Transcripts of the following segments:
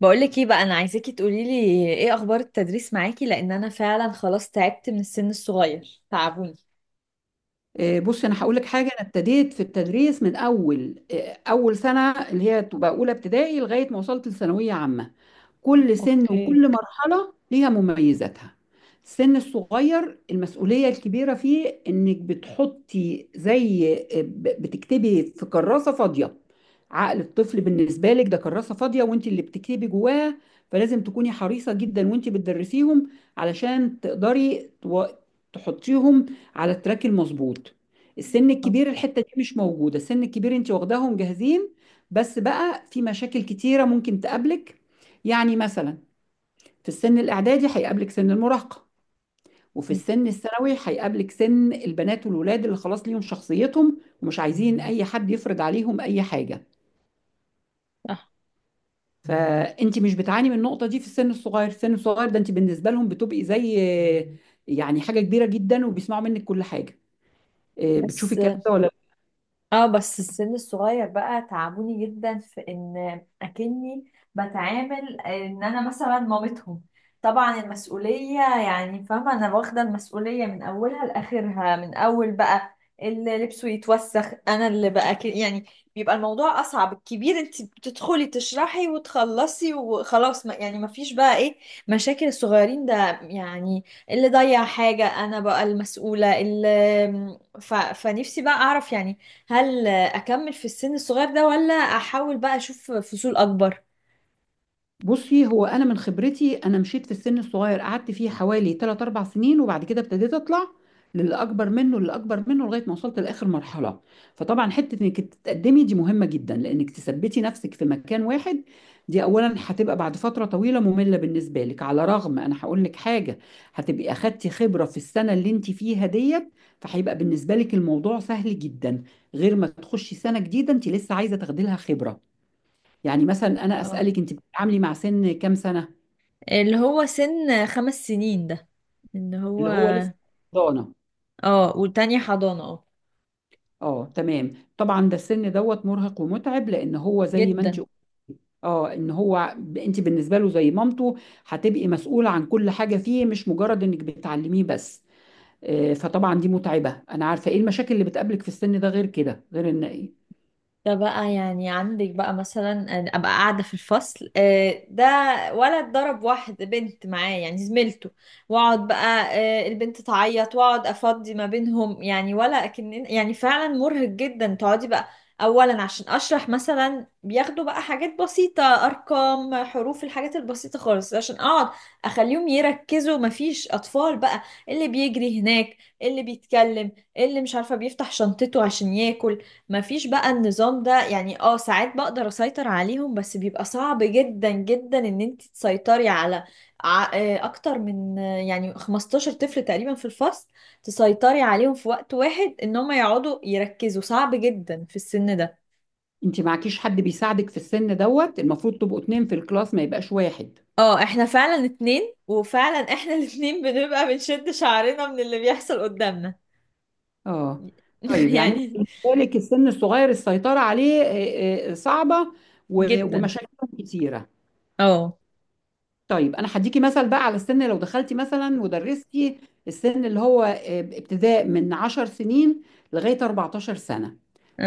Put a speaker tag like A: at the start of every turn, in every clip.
A: بقولك ايه بقى؟ انا عايزاكي تقوليلي ايه اخبار التدريس معاكي، لان انا فعلا خلاص تعبت من السن الصغير، تعبوني.
B: بصي انا هقول لك حاجه. انا ابتديت في التدريس من اول سنه اللي هي تبقى اولى ابتدائي لغايه ما وصلت لثانويه عامه. كل سن
A: اوكي.
B: وكل مرحلة ليها مميزاتها. السن الصغير المسؤولية الكبيرة فيه إنك بتحطي زي بتكتبي في كراسة فاضية. عقل الطفل بالنسبة لك ده كراسة فاضية، وانت اللي بتكتبي جواها، فلازم تكوني حريصة جدا وانت بتدرسيهم علشان تقدري تحطيهم على التراك المظبوط. السن الكبير الحتة دي مش موجودة، السن الكبير انت واخداهم جاهزين، بس بقى في مشاكل كتيرة ممكن تقابلك. يعني مثلا في السن الإعدادي هيقابلك سن المراهقة، وفي
A: أوكي.
B: السن الثانوي هيقابلك سن البنات والولاد اللي خلاص ليهم شخصيتهم، ومش عايزين أي حد يفرض عليهم أي حاجة.
A: صح.
B: فأنت مش بتعاني من النقطة دي في السن الصغير، السن الصغير ده أنت بالنسبة لهم بتبقي زي يعني حاجة كبيرة جدا، وبيسمعوا منك كل حاجة. إيه، بتشوفي
A: بس
B: الكلام ده ولا؟
A: اه بس السن الصغير بقى تعبوني جدا في ان اكني بتعامل ان انا مثلا مامتهم. طبعا المسؤولية، يعني فاهمة، انا واخدة المسؤولية من اولها لاخرها، من اول بقى اللي لبسه يتوسخ انا اللي، بقى كده يعني بيبقى الموضوع اصعب. الكبير انت بتدخلي تشرحي وتخلصي وخلاص، ما يعني ما فيش بقى ايه مشاكل الصغيرين ده. يعني اللي ضيع حاجة انا بقى المسؤولة اللي فنفسي بقى اعرف، يعني هل اكمل في السن الصغير ده، ولا احاول بقى اشوف فصول اكبر؟
B: بُصي، هو أنا من خبرتي أنا مشيت في السن الصغير، قعدت فيه حوالي 3، 4 سنين، وبعد كده ابتديت أطلع للي أكبر منه، لغاية ما وصلت لآخر مرحلة. فطبعًا حتة إنِك تتقدمي دي مهمة جدًا، لإنِك تثبّتي نفسِك في مكان واحد، دي أولًا هتبقى بعد فترة طويلة مملة بالنسبة لِك. على الرغم أنا هاقول لِك حاجة، هتبقي أخدتِ خبرة في السنة اللي أنتِ فيها ديّة، فهيبقى بالنسبة لِك الموضوع سهل جدًا، غير ما تخشي سنة جديدة أنتِ لسه عايزة تاخدي لها خبرة. يعني مثلا انا
A: اه،
B: اسالك انت بتتعاملي مع سن كام سنه؟
A: اللي هو سن خمس سنين ده، اللي هو.
B: اللي هو لسه ضانه.
A: اه، والتانية حضانة، اه.
B: اه تمام طبعا ده السن دوت مرهق ومتعب، لان هو زي ما انت،
A: جدا.
B: اه ان هو انت بالنسبه له زي مامته، هتبقي مسؤوله عن كل حاجه فيه، مش مجرد انك بتعلميه بس. فطبعا دي متعبه، انا عارفه ايه المشاكل اللي بتقابلك في السن ده، غير كده غير ان
A: ده بقى يعني عندك بقى مثلا أنا ابقى قاعده في الفصل، ده ولد ضرب واحد، بنت معاه يعني زميلته، واقعد بقى، البنت تعيط، واقعد افضي ما بينهم، يعني ولا اكن يعني فعلا مرهق جدا تقعدي بقى اولا عشان اشرح. مثلا بياخدوا بقى حاجات بسيطه، ارقام، حروف، الحاجات البسيطه خالص، عشان اقعد اخليهم يركزوا، مفيش اطفال بقى اللي بيجري هناك، اللي بيتكلم، اللي مش عارفه بيفتح شنطته عشان ياكل. ما فيش بقى النظام ده، يعني ساعات بقدر اسيطر عليهم، بس بيبقى صعب جدا جدا ان انت تسيطري على اكتر من يعني 15 طفل تقريبا في الفصل، تسيطري عليهم في وقت واحد ان هم يقعدوا يركزوا، صعب جدا في السن ده.
B: انت معكيش حد بيساعدك في السن دوت، المفروض تبقوا اتنين في الكلاس ما يبقاش واحد.
A: اه، احنا فعلا اتنين، وفعلا احنا الاتنين بنبقى بنشد شعرنا من اللي بيحصل قدامنا.
B: اه. طيب يعني
A: يعني.
B: بالنسبة لك السن الصغير السيطرة عليه صعبة
A: جدا.
B: ومشاكل كتيرة.
A: اه،
B: طيب انا هديكي مثل بقى على السن، لو دخلتي مثلا ودرستي السن اللي هو ابتداء من 10 سنين لغايه 14 سنه،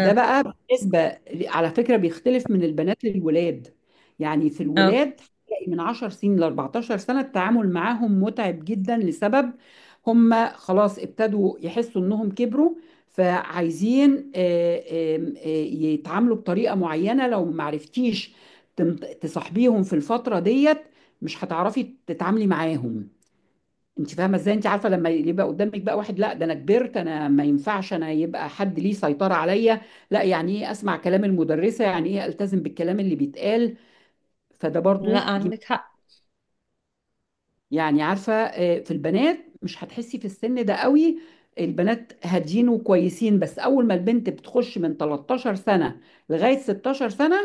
B: ده بقى بالنسبه، على فكره بيختلف من البنات للولاد. يعني في
A: اه.
B: الولاد هتلاقي من 10 سنين ل 14 سنه التعامل معاهم متعب جدا، لسبب هم خلاص ابتدوا يحسوا انهم كبروا، فعايزين يتعاملوا بطريقه معينه. لو معرفتيش تم- تصاحبيهم في الفتره ديت مش هتعرفي تتعاملي معاهم. انت فاهمه ازاي؟ انت عارفه لما يبقى قدامك بقى واحد لا ده انا كبرت، انا ما ينفعش انا يبقى حد ليه سيطره عليا، لا يعني ايه اسمع كلام المدرسه، يعني ايه التزم بالكلام اللي بيتقال. فده
A: لا
B: برضو
A: عندك حق.
B: يعني عارفة. في البنات مش هتحسي في السن ده قوي، البنات هاديين وكويسين، بس أول ما البنت بتخش من 13 سنة لغاية 16 سنة،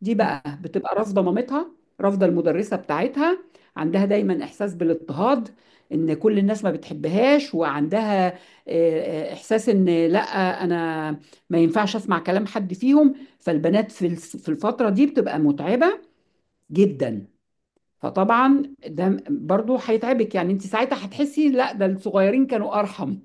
B: دي بقى بتبقى رافضة مامتها، رافضة المدرسة بتاعتها، عندها دايما إحساس بالاضطهاد، إن كل الناس ما بتحبهاش، وعندها إحساس إن لأ أنا ما ينفعش أسمع كلام حد فيهم. فالبنات في في الفترة دي بتبقى متعبة جدا، فطبعا ده برضو هيتعبك، يعني انت ساعتها هتحسي لا ده الصغيرين كانوا ارحم.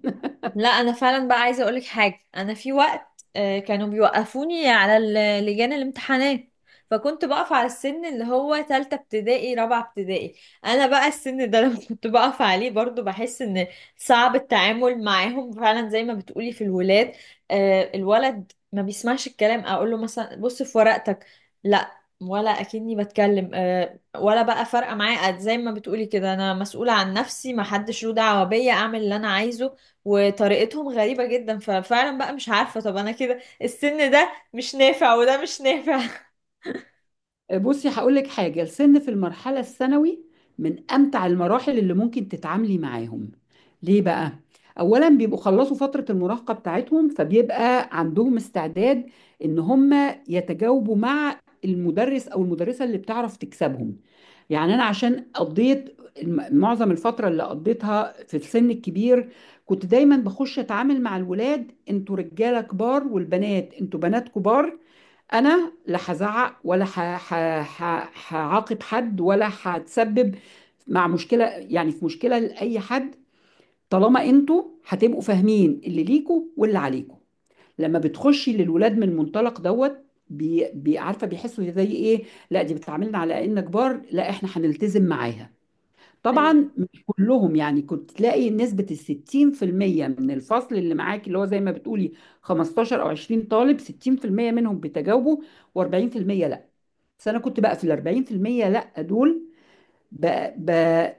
A: لا، انا فعلا بقى عايزه اقولك حاجه. انا في وقت كانوا بيوقفوني على لجان الامتحانات، فكنت بقف على السن اللي هو تالتة ابتدائي، رابعة ابتدائي. انا بقى السن ده لما كنت بقف عليه برضو بحس ان صعب التعامل معاهم، فعلا زي ما بتقولي في الولاد. الولد ما بيسمعش الكلام، اقول له مثلا بص في ورقتك، لا، ولا اكني بتكلم. ولا بقى فارقه معايا، زي ما بتقولي كده انا مسؤوله عن نفسي، ما حدش له دعوه بيا، اعمل اللي انا عايزه. وطريقتهم غريبة جدا، ففعلا بقى مش عارفة، طب انا كده السن ده مش نافع وده مش نافع.
B: بصي هقول لك حاجة، السن في المرحلة الثانوي من أمتع المراحل اللي ممكن تتعاملي معاهم. ليه بقى؟ أولا بيبقوا خلصوا فترة المراهقة بتاعتهم، فبيبقى عندهم استعداد إن هم يتجاوبوا مع المدرس أو المدرسة اللي بتعرف تكسبهم. يعني أنا عشان قضيت معظم الفترة اللي قضيتها في السن الكبير، كنت دايما بخش أتعامل مع الولاد: انتوا رجالة كبار، والبنات انتوا بنات كبار، انا لا هزعق، ولا هعاقب حد، ولا هتسبب مع مشكله، يعني في مشكله لاي حد، طالما انتوا هتبقوا فاهمين اللي ليكوا واللي عليكوا. لما بتخشي للولاد من المنطلق دوت عارفه بيحسوا زي ايه؟ لا دي بتعاملنا على ان كبار، لا احنا هنلتزم معاها.
A: ايوه.
B: طبعا مش كلهم، يعني كنت تلاقي نسبة 60% من الفصل اللي معاك، اللي هو زي ما بتقولي 15 أو 20 طالب، 60% منهم بيتجاوبوا و40% لأ. بس أنا كنت بقى في 40% لأ دول ب... ب...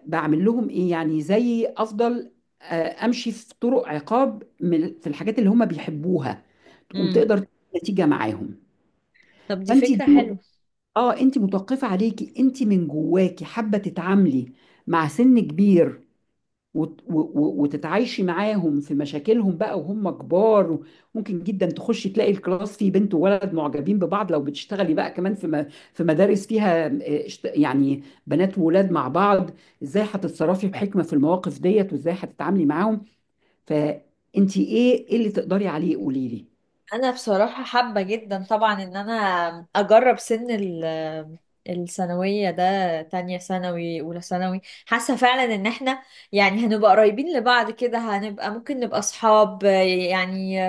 B: بعمل لهم إيه، يعني زي أفضل، أمشي في طرق عقاب من في الحاجات اللي هم بيحبوها، تقوم
A: امم.
B: تقدر تجيب نتيجة معاهم.
A: طب دي
B: فأنت دي
A: فكرة حلوة.
B: اه انت متوقفة عليكي، انت من جواكي حابة تتعاملي مع سن كبير وتتعايشي معاهم في مشاكلهم بقى وهم كبار. ممكن جدا تخشي تلاقي الكلاس فيه بنت وولد معجبين ببعض، لو بتشتغلي بقى كمان في في مدارس فيها يعني بنات وولاد مع بعض، ازاي هتتصرفي بحكمة في المواقف ديت، وازاي هتتعاملي معاهم؟ فانت ايه ايه اللي تقدري عليه قولي لي.
A: انا بصراحة حابة جدا طبعا ان انا اجرب سن الثانوية ده، تانية ثانوي، اولى ثانوي. حاسة فعلا ان احنا يعني هنبقى قريبين لبعض كده، هنبقى ممكن نبقى اصحاب يعني.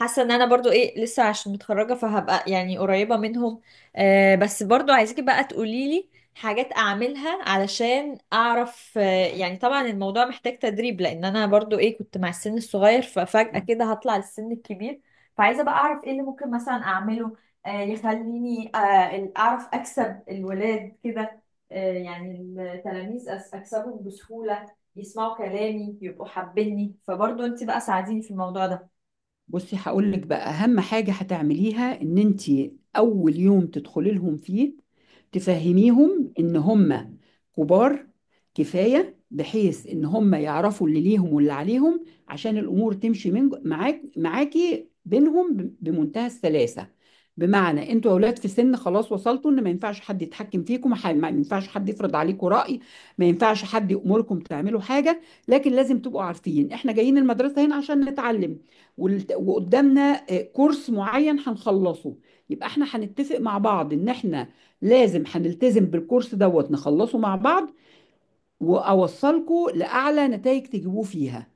A: حاسة ان انا برضو ايه لسه عشان متخرجة، فهبقى يعني قريبة منهم. بس برضو عايزك بقى تقوليلي حاجات اعملها علشان اعرف، يعني طبعا الموضوع محتاج تدريب، لان انا برضو ايه كنت مع السن الصغير، ففجأة كده هطلع للسن الكبير. فعايزه بقى اعرف ايه اللي ممكن مثلا اعمله، يخليني، اعرف اكسب الولاد كده، يعني التلاميذ، اكسبهم بسهوله، يسمعوا كلامي، يبقوا حابيني، فبرضه انت بقى ساعديني في الموضوع ده.
B: بصي هقول لك بقى اهم حاجه هتعمليها، ان انت اول يوم تدخلي لهم فيه تفهميهم ان هم كبار كفايه، بحيث ان هم يعرفوا اللي ليهم واللي عليهم، عشان الامور تمشي من معاك معاكي بينهم بمنتهى السلاسه. بمعنى انتوا اولاد في سن خلاص وصلتوا ان ما ينفعش حد يتحكم فيكم، ما ينفعش حد يفرض عليكم راي، ما ينفعش حد يامركم تعملوا حاجه، لكن لازم تبقوا عارفين احنا جايين المدرسه هنا عشان نتعلم. وقدامنا كورس معين هنخلصه، يبقى احنا هنتفق مع بعض ان احنا لازم هنلتزم بالكورس دوت نخلصه مع بعض، واوصلكوا لاعلى نتائج تجيبوه فيها.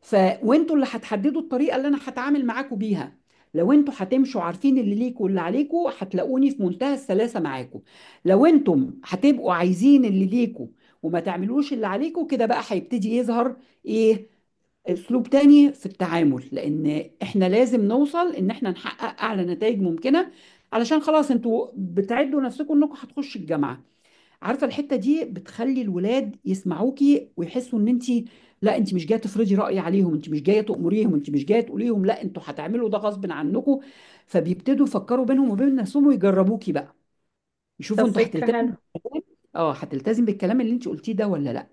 B: ف وانتوا اللي هتحددوا الطريقه اللي انا هتعامل معاكوا بيها، لو انتوا هتمشوا عارفين اللي ليكوا واللي عليكوا هتلاقوني في منتهى السلاسه معاكوا، لو انتم هتبقوا عايزين اللي ليكوا وما تعملوش اللي عليكوا كده بقى هيبتدي يظهر ايه اسلوب تاني في التعامل، لان احنا لازم نوصل ان احنا نحقق اعلى نتائج ممكنه، علشان خلاص انتوا بتعدوا نفسكم انكم هتخشوا الجامعه. عارفه الحته دي بتخلي الولاد يسمعوكي، ويحسوا ان انت لا انت مش جايه تفرضي راي عليهم، انت مش جايه تامريهم، انت مش جايه تقولي لهم لا انتوا هتعملوا ده غصب عنكم، فبيبتدوا يفكروا بينهم وبين نفسهم ويجربوكي بقى،
A: طب
B: يشوفوا انتوا
A: فكرة
B: هتلتزم،
A: حلوة.
B: اه هتلتزم بالكلام اللي انت قلتيه ده ولا لا.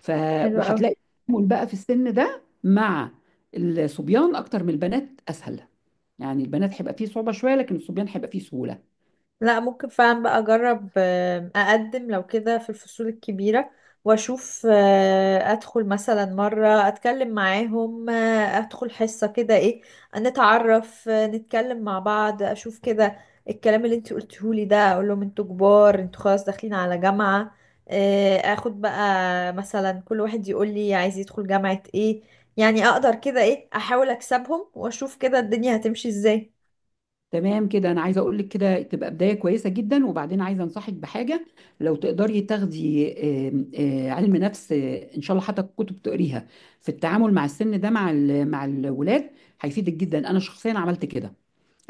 B: ف
A: حلوة
B: وهتلاقي
A: أوي.
B: التعامل بقى في السن ده مع الصبيان اكتر من البنات اسهل، يعني البنات هيبقى فيه صعوبه شويه، لكن الصبيان هيبقى فيه سهوله.
A: لا، ممكن فعلا بقى اجرب، اقدم لو كده في الفصول الكبيرة، واشوف، ادخل مثلا مرة اتكلم معاهم، ادخل حصة كده ايه، نتعرف، نتكلم مع بعض، اشوف كده الكلام اللي انت قلتهولي ده. اقول لهم انتوا كبار، انتوا خلاص داخلين على جامعة، اخد بقى مثلا كل واحد يقول لي عايز يدخل جامعة ايه، يعني اقدر كده ايه احاول اكسبهم، واشوف كده الدنيا هتمشي ازاي.
B: تمام كده، انا عايزه اقول لك كده تبقى بدايه كويسه جدا، وبعدين عايزه انصحك بحاجه، لو تقدري تاخدي آم، آه، علم نفس، ان شاء الله حتى كتب تقريها في التعامل مع السن ده مع مع الولاد، هيفيدك جدا. انا شخصيا عملت كده،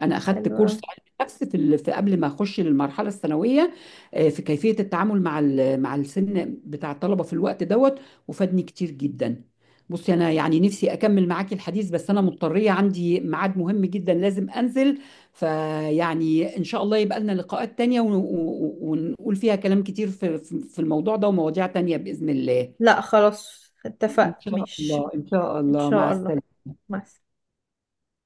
B: انا اخدت
A: حلو.
B: كورس علم نفس في في قبل ما اخش للمرحله الثانويه، في كيفيه التعامل مع مع السن بتاع الطلبه في الوقت دوت، وفادني كتير جدا. بصي انا يعني نفسي اكمل معاكي الحديث، بس انا مضطريه عندي ميعاد مهم جدا لازم انزل. فيعني ان شاء الله يبقى لنا لقاءات تانية ونقول فيها كلام كتير في الموضوع ده ومواضيع تانية باذن الله.
A: لا خلاص
B: ان
A: اتفقنا.
B: شاء
A: مش
B: الله ان شاء
A: ان
B: الله مع
A: شاء الله.
B: السلامه.
A: مع